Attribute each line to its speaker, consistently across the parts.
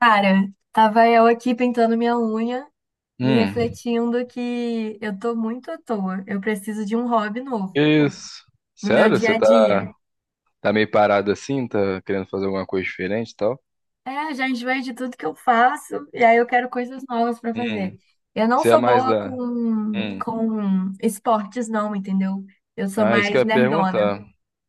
Speaker 1: Cara, tava eu aqui pintando minha unha e
Speaker 2: Hum,
Speaker 1: refletindo que eu tô muito à toa. Eu preciso de um hobby novo
Speaker 2: que isso?
Speaker 1: no meu
Speaker 2: Sério?
Speaker 1: dia
Speaker 2: Você
Speaker 1: a
Speaker 2: tá,
Speaker 1: dia.
Speaker 2: tá meio parado assim? Tá querendo fazer alguma coisa diferente e tal?
Speaker 1: É, já enjoei de tudo que eu faço e aí eu quero coisas novas pra fazer.
Speaker 2: Hum,
Speaker 1: Eu não
Speaker 2: você é
Speaker 1: sou
Speaker 2: mais
Speaker 1: boa
Speaker 2: da.
Speaker 1: com,
Speaker 2: Hum.
Speaker 1: com esportes, não, entendeu? Eu sou
Speaker 2: Ah, isso que eu
Speaker 1: mais
Speaker 2: ia
Speaker 1: nerdona.
Speaker 2: perguntar.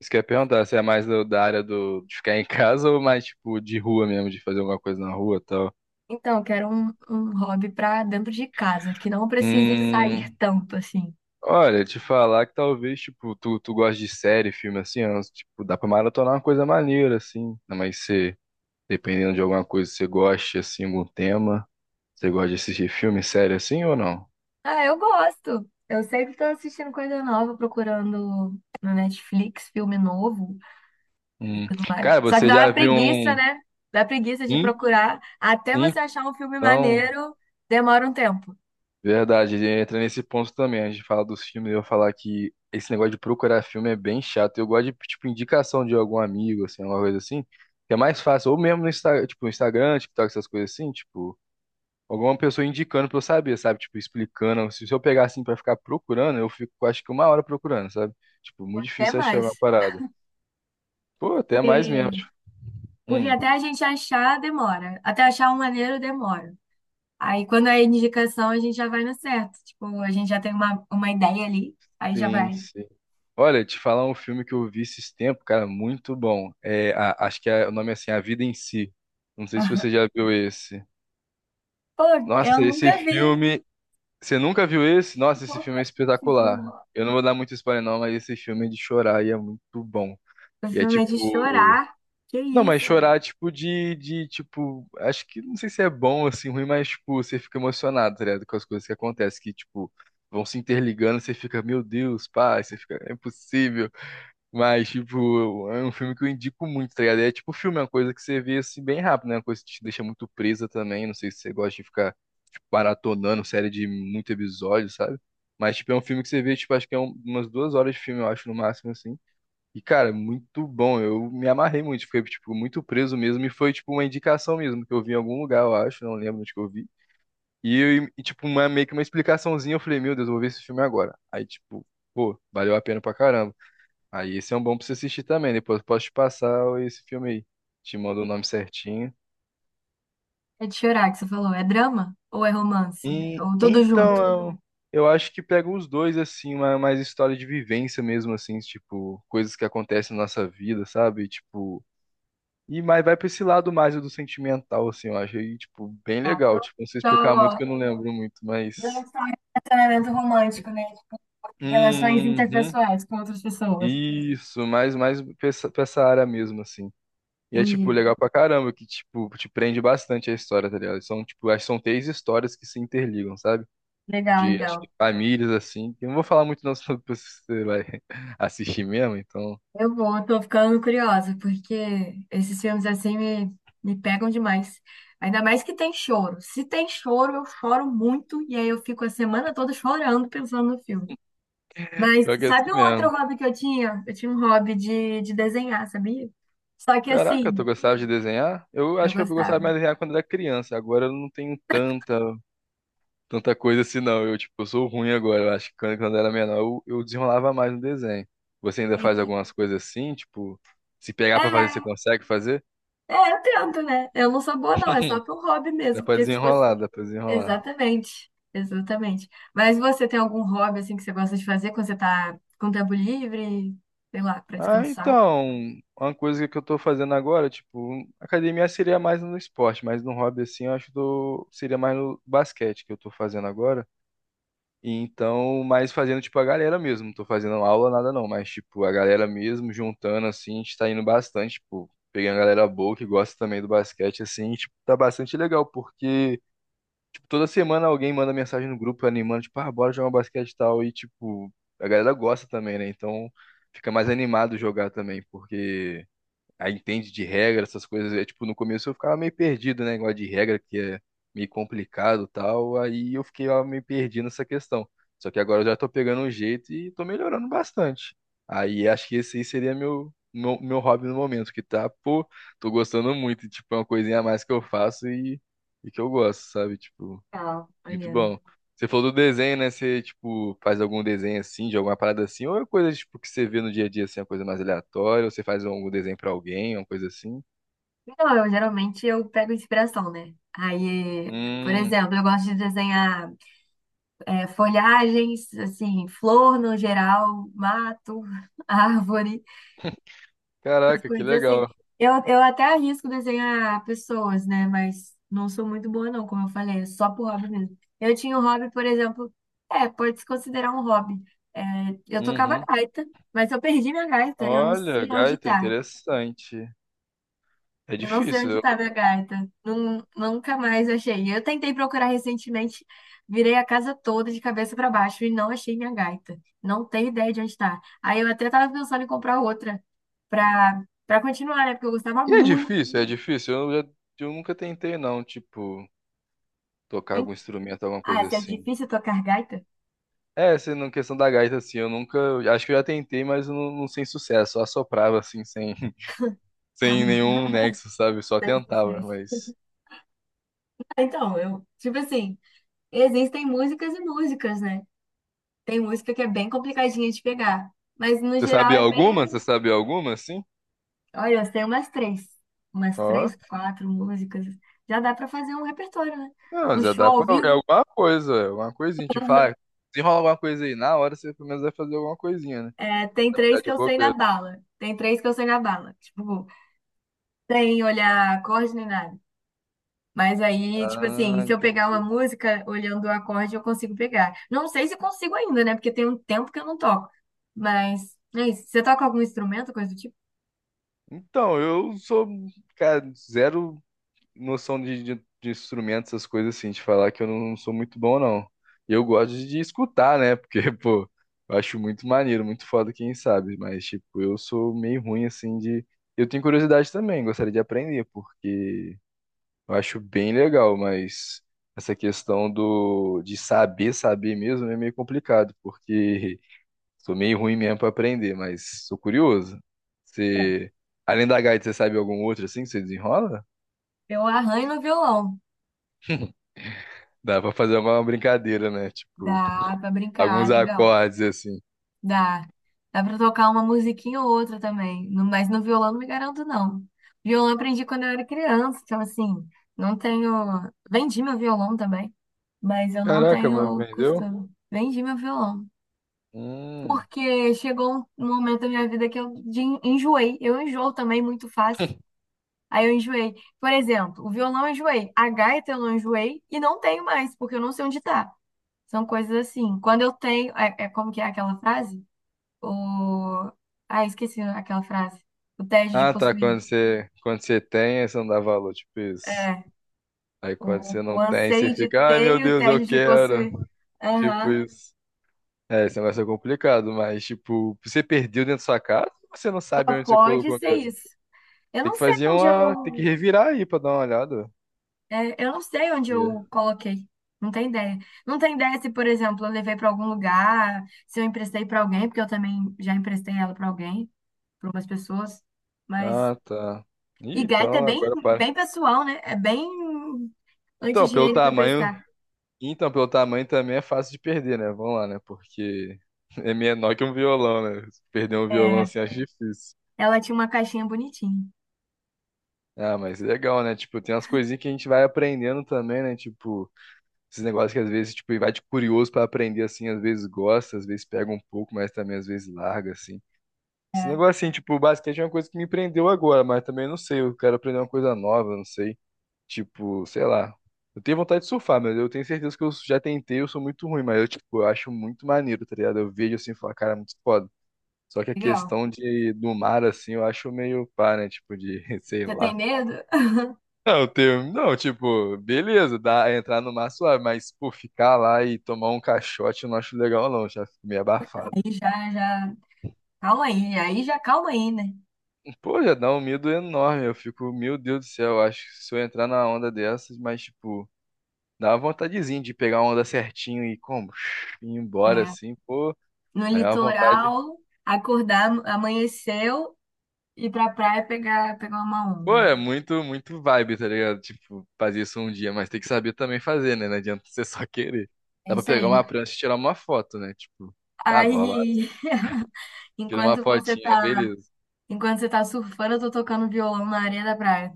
Speaker 2: Isso que eu ia perguntar, você é mais da área do, de ficar em casa ou mais tipo de rua mesmo, de fazer alguma coisa na rua e tal?
Speaker 1: Então, eu quero um hobby pra dentro de casa, que não precise sair
Speaker 2: Hum,
Speaker 1: tanto assim.
Speaker 2: olha, te falar que talvez, tipo, tu gosta de série, filme assim, ó, tipo, dá pra maratonar uma coisa maneira, assim, né? Mas se, dependendo de alguma coisa que você goste, assim, algum tema, você gosta de assistir filme, série assim ou não?
Speaker 1: Ah, eu gosto. Eu sempre tô assistindo coisa nova, procurando no Netflix filme novo.
Speaker 2: Hum. Cara,
Speaker 1: Só que
Speaker 2: você
Speaker 1: dá uma
Speaker 2: já viu
Speaker 1: preguiça,
Speaker 2: um.
Speaker 1: né? Dá preguiça de
Speaker 2: Hum?
Speaker 1: procurar. Até você achar um filme
Speaker 2: Então,
Speaker 1: maneiro, demora um tempo.
Speaker 2: verdade, entra nesse ponto também. A gente fala dos filmes, eu vou falar que esse negócio de procurar filme é bem chato. Eu gosto de, tipo, indicação de algum amigo, assim, alguma coisa assim, que é mais fácil. Ou mesmo no Instagram, tipo, no Instagram, TikTok, essas coisas assim, tipo, alguma pessoa indicando pra eu saber, sabe? Tipo, explicando. Se eu pegar assim pra ficar procurando, eu fico, acho que uma hora procurando, sabe? Tipo, muito
Speaker 1: Até
Speaker 2: difícil achar uma
Speaker 1: mais.
Speaker 2: parada. Pô, até mais mesmo.
Speaker 1: Porque,
Speaker 2: Tipo,
Speaker 1: porque
Speaker 2: hum.
Speaker 1: até a gente achar, demora. Até achar um maneiro, demora. Aí quando é indicação, a gente já vai no certo. Tipo, a gente já tem uma ideia ali, aí já
Speaker 2: Sim,
Speaker 1: vai.
Speaker 2: sim. Olha, te falar um filme que eu vi esses tempos, cara, muito bom. É, acho que o nome é assim, A Vida em Si. Não sei se você já viu esse.
Speaker 1: Pô, eu
Speaker 2: Nossa, esse
Speaker 1: nunca vi.
Speaker 2: filme. Você nunca viu esse? Nossa, esse filme
Speaker 1: Nunca
Speaker 2: é
Speaker 1: vi esse
Speaker 2: espetacular.
Speaker 1: filme.
Speaker 2: Eu não vou dar muito spoiler, não, mas esse filme é de chorar e é muito bom.
Speaker 1: O
Speaker 2: E é
Speaker 1: filme é de
Speaker 2: tipo.
Speaker 1: chorar. Que
Speaker 2: Não, mas
Speaker 1: isso?
Speaker 2: chorar, é tipo, tipo, acho que não sei se é bom, assim, ruim, mas, tipo, você fica emocionado, tá ligado? Com as coisas que acontecem, que, tipo, vão se interligando, você fica, meu Deus, pai, você fica, é impossível. Mas, tipo, é um filme que eu indico muito, tá ligado? É tipo filme, é uma coisa que você vê assim bem rápido, né? Uma coisa que te deixa muito presa também. Não sei se você gosta de ficar, tipo, maratonando série de muito episódio, sabe? Mas, tipo, é um filme que você vê, tipo, acho que é umas duas horas de filme, eu acho, no máximo, assim. E, cara, é muito bom. Eu me amarrei muito, fiquei, tipo, muito preso mesmo. E foi, tipo, uma indicação mesmo, que eu vi em algum lugar, eu acho, não lembro onde que eu vi. E, e tipo, uma, meio que uma explicaçãozinha, eu falei, meu Deus, eu vou ver esse filme agora. Aí, tipo, pô, valeu a pena pra caramba. Aí esse é um bom pra você assistir também. Depois eu posso te passar esse filme aí. Te mando o nome certinho.
Speaker 1: É de chorar que você falou. É drama ou é romance?
Speaker 2: E,
Speaker 1: Ou tudo junto?
Speaker 2: então, eu acho que pega os dois, assim, uma mais história de vivência mesmo, assim, tipo, coisas que acontecem na nossa vida, sabe? Tipo, e mais vai pra esse lado mais do sentimental, assim, eu acho. E, tipo, bem
Speaker 1: Tá?
Speaker 2: legal.
Speaker 1: Não
Speaker 2: Tipo, não sei explicar muito
Speaker 1: só,
Speaker 2: que eu não lembro muito,
Speaker 1: não é
Speaker 2: mas.
Speaker 1: só um relacionamento romântico, né? Tipo, relações
Speaker 2: Uhum.
Speaker 1: interpessoais com outras pessoas.
Speaker 2: Isso, mais, mais pra essa área mesmo, assim. E é, tipo,
Speaker 1: Entendi.
Speaker 2: legal pra caramba, que, tipo, te prende bastante a história, tá ligado? São, tipo, acho que são três histórias que se interligam, sabe?
Speaker 1: Legal,
Speaker 2: De, acho que
Speaker 1: legal.
Speaker 2: famílias, assim. Eu não vou falar muito não, senão depois você vai assistir mesmo, então.
Speaker 1: Eu tô ficando curiosa, porque esses filmes assim me pegam demais. Ainda mais que tem choro. Se tem choro, eu choro muito, e aí eu fico a semana toda chorando pensando no filme. Mas
Speaker 2: Pior que é assim
Speaker 1: sabe o outro
Speaker 2: mesmo.
Speaker 1: hobby que eu tinha? Eu tinha um hobby de desenhar, sabia? Só que
Speaker 2: Caraca, tu
Speaker 1: assim,
Speaker 2: gostava de desenhar? Eu
Speaker 1: eu
Speaker 2: acho que eu
Speaker 1: gostava.
Speaker 2: gostava mais de desenhar quando era criança. Agora eu não tenho tanta, tanta coisa assim, não. Eu, tipo, eu sou ruim agora. Eu acho que quando eu era menor, eu desenrolava mais no desenho. Você ainda faz
Speaker 1: Entendi.
Speaker 2: algumas coisas assim, tipo. Se pegar pra fazer, você
Speaker 1: É,
Speaker 2: consegue fazer?
Speaker 1: eu tento, né? Eu não sou boa, não. É só para um hobby
Speaker 2: Dá
Speaker 1: mesmo.
Speaker 2: pra
Speaker 1: Porque se fosse.
Speaker 2: desenrolar, dá pra desenrolar.
Speaker 1: Exatamente. Exatamente. Mas você tem algum hobby, assim, que você gosta de fazer quando você tá com tempo livre? Sei lá, para
Speaker 2: Ah,
Speaker 1: descansar?
Speaker 2: então, uma coisa que eu tô fazendo agora, tipo, academia seria mais no esporte, mas no hobby, assim, eu acho que eu seria mais no basquete que eu tô fazendo agora. E então, mais fazendo, tipo, a galera mesmo. Não tô fazendo aula, nada não, mas, tipo, a galera mesmo, juntando, assim, a gente tá indo bastante, tipo, pegando a galera boa que gosta também do basquete, assim, e, tipo, tá bastante legal, porque. Tipo, toda semana alguém manda mensagem no grupo animando, tipo, ah, bora jogar um basquete e tal. E, tipo, a galera gosta também, né? Então fica mais animado jogar também, porque aí entende de regra, essas coisas. É, tipo, no começo eu ficava meio perdido, né? Negócio de regra, que é meio complicado e tal. Aí eu fiquei ó, meio perdido nessa questão. Só que agora eu já tô pegando um jeito e tô melhorando bastante. Aí acho que esse aí seria meu. Meu hobby no momento, que tá, pô, tô gostando muito, tipo, é uma coisinha a mais que eu faço e que eu gosto, sabe? Tipo,
Speaker 1: Não,
Speaker 2: muito
Speaker 1: maneiro.
Speaker 2: bom. Você falou do desenho, né? Você, tipo, faz algum desenho assim, de alguma parada assim, ou é coisa, tipo, que você vê no dia a dia, assim, uma coisa mais aleatória, ou você faz algum desenho pra alguém, uma coisa assim?
Speaker 1: Então, eu pego inspiração, né? Aí, por
Speaker 2: Hum,
Speaker 1: exemplo, eu gosto de desenhar folhagens, assim, flor no geral, mato, árvore, essas
Speaker 2: caraca, que
Speaker 1: coisas assim.
Speaker 2: legal.
Speaker 1: Eu até arrisco desenhar pessoas, né? Mas não sou muito boa, não, como eu falei, é só por hobby mesmo. Eu tinha um hobby, por exemplo, é, pode se considerar um hobby. É, eu tocava
Speaker 2: Uhum.
Speaker 1: gaita, mas eu perdi minha gaita, eu não
Speaker 2: Olha,
Speaker 1: sei onde
Speaker 2: gaita,
Speaker 1: tá.
Speaker 2: interessante. É
Speaker 1: Eu não sei
Speaker 2: difícil.
Speaker 1: onde tá minha gaita. Nunca mais achei. Eu tentei procurar recentemente, virei a casa toda de cabeça para baixo e não achei minha gaita. Não tenho ideia de onde tá. Aí eu até tava pensando em comprar outra. Pra Para continuar, né? Porque eu gostava
Speaker 2: E é
Speaker 1: muito.
Speaker 2: difícil, é difícil. Eu, já, eu nunca tentei, não, tipo, tocar
Speaker 1: Hein?
Speaker 2: algum instrumento, alguma
Speaker 1: Ah,
Speaker 2: coisa
Speaker 1: se é
Speaker 2: assim.
Speaker 1: difícil tocar gaita,
Speaker 2: É, assim, na questão da gaita, assim, eu nunca. Acho que eu já tentei, mas eu não, não sem sucesso. Só assoprava, assim, sem. Sem nenhum nexo, sabe? Só
Speaker 1: então é
Speaker 2: tentava,
Speaker 1: sucesso.
Speaker 2: mas.
Speaker 1: Ah, então, eu, tipo assim, existem músicas e músicas, né? Tem música que é bem complicadinha de pegar, mas no
Speaker 2: Você
Speaker 1: geral
Speaker 2: sabe
Speaker 1: é
Speaker 2: alguma? Você
Speaker 1: bem.
Speaker 2: sabe alguma, assim?
Speaker 1: Olha, eu sei umas três,
Speaker 2: Ó,
Speaker 1: quatro músicas. Já dá pra fazer um repertório, né?
Speaker 2: não,
Speaker 1: Um
Speaker 2: já
Speaker 1: show
Speaker 2: dá pra.
Speaker 1: ao
Speaker 2: É
Speaker 1: vivo,
Speaker 2: alguma coisa, é alguma coisinha. Tipo, ah, se rola alguma coisa aí, na hora você pelo menos vai fazer alguma coisinha, né?
Speaker 1: é, tem
Speaker 2: Vai
Speaker 1: três
Speaker 2: ficar
Speaker 1: que
Speaker 2: de
Speaker 1: eu sei na
Speaker 2: bobeira.
Speaker 1: bala. Tem três que eu sei na bala. Tipo, sem olhar acorde nem nada. Mas aí, tipo assim,
Speaker 2: Ah,
Speaker 1: se eu pegar uma
Speaker 2: entendi.
Speaker 1: música olhando o acorde, eu consigo pegar. Não sei se consigo ainda, né? Porque tem um tempo que eu não toco. Mas é isso. Você toca algum instrumento, coisa do tipo?
Speaker 2: Então, eu sou, cara, zero. Noção de instrumentos, essas coisas assim, de falar que eu não, não sou muito bom, não. E eu gosto de escutar, né? Porque, pô, eu acho muito maneiro, muito foda quem sabe, mas, tipo, eu sou meio ruim, assim, de. Eu tenho curiosidade também, gostaria de aprender, porque eu acho bem legal, mas essa questão do de saber mesmo é meio complicado, porque sou meio ruim mesmo pra aprender, mas sou curioso.
Speaker 1: É.
Speaker 2: Você, além da gaita, você sabe algum outro assim que você desenrola?
Speaker 1: Eu arranho no violão.
Speaker 2: Dá pra fazer uma brincadeira, né? Tipo,
Speaker 1: Dá pra
Speaker 2: alguns
Speaker 1: brincar, legal.
Speaker 2: acordes assim.
Speaker 1: Dá. Dá pra tocar uma musiquinha ou outra também. Mas no violão não me garanto, não. Violão eu aprendi quando eu era criança, então assim, não tenho. Vendi meu violão também, mas eu não
Speaker 2: Caraca, mas
Speaker 1: tenho
Speaker 2: vendeu?
Speaker 1: costume. Vendi meu violão.
Speaker 2: Hum.
Speaker 1: Porque chegou um momento da minha vida que enjoei. Eu enjoo também muito fácil. Aí eu enjoei. Por exemplo, o violão eu enjoei, a gaita eu não enjoei e não tenho mais, porque eu não sei onde tá. São coisas assim. Quando eu tenho. É, é como que é aquela frase? O... Ah, esqueci aquela frase. O tédio de
Speaker 2: Ah, tá.
Speaker 1: possuir.
Speaker 2: Quando você tem, aí você não dá valor, tipo isso.
Speaker 1: É.
Speaker 2: Aí quando
Speaker 1: O,
Speaker 2: você
Speaker 1: o
Speaker 2: não tem, você
Speaker 1: anseio de
Speaker 2: fica, ai
Speaker 1: ter
Speaker 2: meu
Speaker 1: e o
Speaker 2: Deus, eu
Speaker 1: tédio de
Speaker 2: quero.
Speaker 1: possuir.
Speaker 2: Tipo
Speaker 1: Aham.
Speaker 2: isso. É, esse negócio é complicado, mas tipo, você perdeu dentro da sua casa ou você não sabe
Speaker 1: Só
Speaker 2: onde você
Speaker 1: pode
Speaker 2: colocou
Speaker 1: ser
Speaker 2: mesmo?
Speaker 1: isso. Eu
Speaker 2: Tem
Speaker 1: não
Speaker 2: que
Speaker 1: sei
Speaker 2: fazer
Speaker 1: onde
Speaker 2: uma. Tem que
Speaker 1: eu
Speaker 2: revirar aí pra dar uma olhada.
Speaker 1: É, eu não sei onde
Speaker 2: Ver.
Speaker 1: eu coloquei. Não tenho ideia. Não tenho ideia se, por exemplo, eu levei para algum lugar, se eu emprestei para alguém, porque eu também já emprestei ela para alguém, para umas pessoas. Mas.
Speaker 2: Ah, tá.
Speaker 1: E
Speaker 2: Ih,
Speaker 1: gaita é
Speaker 2: então agora para.
Speaker 1: bem pessoal, né? É bem
Speaker 2: Então, pelo
Speaker 1: anti-higiênico
Speaker 2: tamanho.
Speaker 1: emprestar.
Speaker 2: Então, pelo tamanho também é fácil de perder, né? Vamos lá, né? Porque é menor que um violão, né? Perder um violão
Speaker 1: É,
Speaker 2: assim acho difícil.
Speaker 1: ela tinha uma caixinha bonitinha.
Speaker 2: Ah, mas é legal, né? Tipo, tem umas coisinhas que a gente vai aprendendo também, né? Tipo, esses negócios que às vezes, tipo, vai de curioso pra aprender assim, às vezes gosta, às vezes pega um pouco, mas também às vezes larga, assim. Esse
Speaker 1: É,
Speaker 2: negócio assim, tipo, o basquete é uma coisa que me prendeu agora, mas também não sei, eu quero aprender uma coisa nova, não sei. Tipo, sei lá. Eu tenho vontade de surfar, mas eu tenho certeza que eu já tentei, eu sou muito ruim, mas eu, tipo, eu acho muito maneiro, tá ligado? Eu vejo assim e falo, cara, é muito foda. Só que a
Speaker 1: legal.
Speaker 2: questão de do mar, assim, eu acho meio pá, né? Tipo, de, sei
Speaker 1: Você tem
Speaker 2: lá.
Speaker 1: medo?
Speaker 2: Não, eu tenho, não, tipo, beleza, dá, entrar no mar é suave, mas, pô, ficar lá e tomar um caixote eu não acho legal, não, já fico meio
Speaker 1: Aí
Speaker 2: abafado.
Speaker 1: já, já. Calma aí, aí já calma aí, né?
Speaker 2: Pô, já dá um medo enorme, eu fico, meu Deus do céu, eu acho que se eu entrar na onda dessas, mas, tipo. Dá uma vontadezinha de pegar uma onda certinho e como, ir embora
Speaker 1: É,
Speaker 2: assim, pô.
Speaker 1: no
Speaker 2: Aí é uma vontade.
Speaker 1: litoral, acordar, amanheceu, ir pra praia pegar uma
Speaker 2: Pô,
Speaker 1: onda.
Speaker 2: é muito vibe, tá ligado? Tipo, fazer isso um dia, mas tem que saber também fazer, né? Não adianta você só querer.
Speaker 1: É
Speaker 2: Dá pra
Speaker 1: isso
Speaker 2: pegar
Speaker 1: aí.
Speaker 2: uma prancha e tirar uma foto, né? Tipo, ah, vou lá,
Speaker 1: Aí,
Speaker 2: tira uma
Speaker 1: enquanto você
Speaker 2: fotinha,
Speaker 1: tá,
Speaker 2: beleza.
Speaker 1: enquanto você tá surfando, eu tô tocando violão na areia da praia.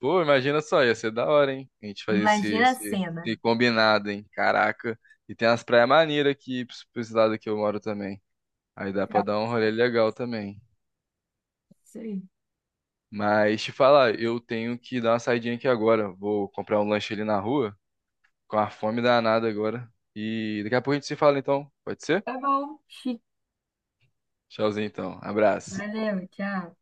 Speaker 2: Pô, imagina só, ia ser da hora, hein? A gente fazer esse,
Speaker 1: Imagina a
Speaker 2: esse,
Speaker 1: cena.
Speaker 2: esse combinado, hein? Caraca. E tem umas praias maneiras aqui, pra esse lado que eu moro também. Aí dá pra
Speaker 1: Legal.
Speaker 2: dar um rolê legal também.
Speaker 1: Isso aí.
Speaker 2: Mas te falar, eu tenho que dar uma saidinha aqui agora. Vou comprar um lanche ali na rua, com a fome danada agora. E daqui a pouco a gente se fala então. Pode ser?
Speaker 1: Tá bom. Chique.
Speaker 2: Tchauzinho então. Abraço.
Speaker 1: Valeu, tchau.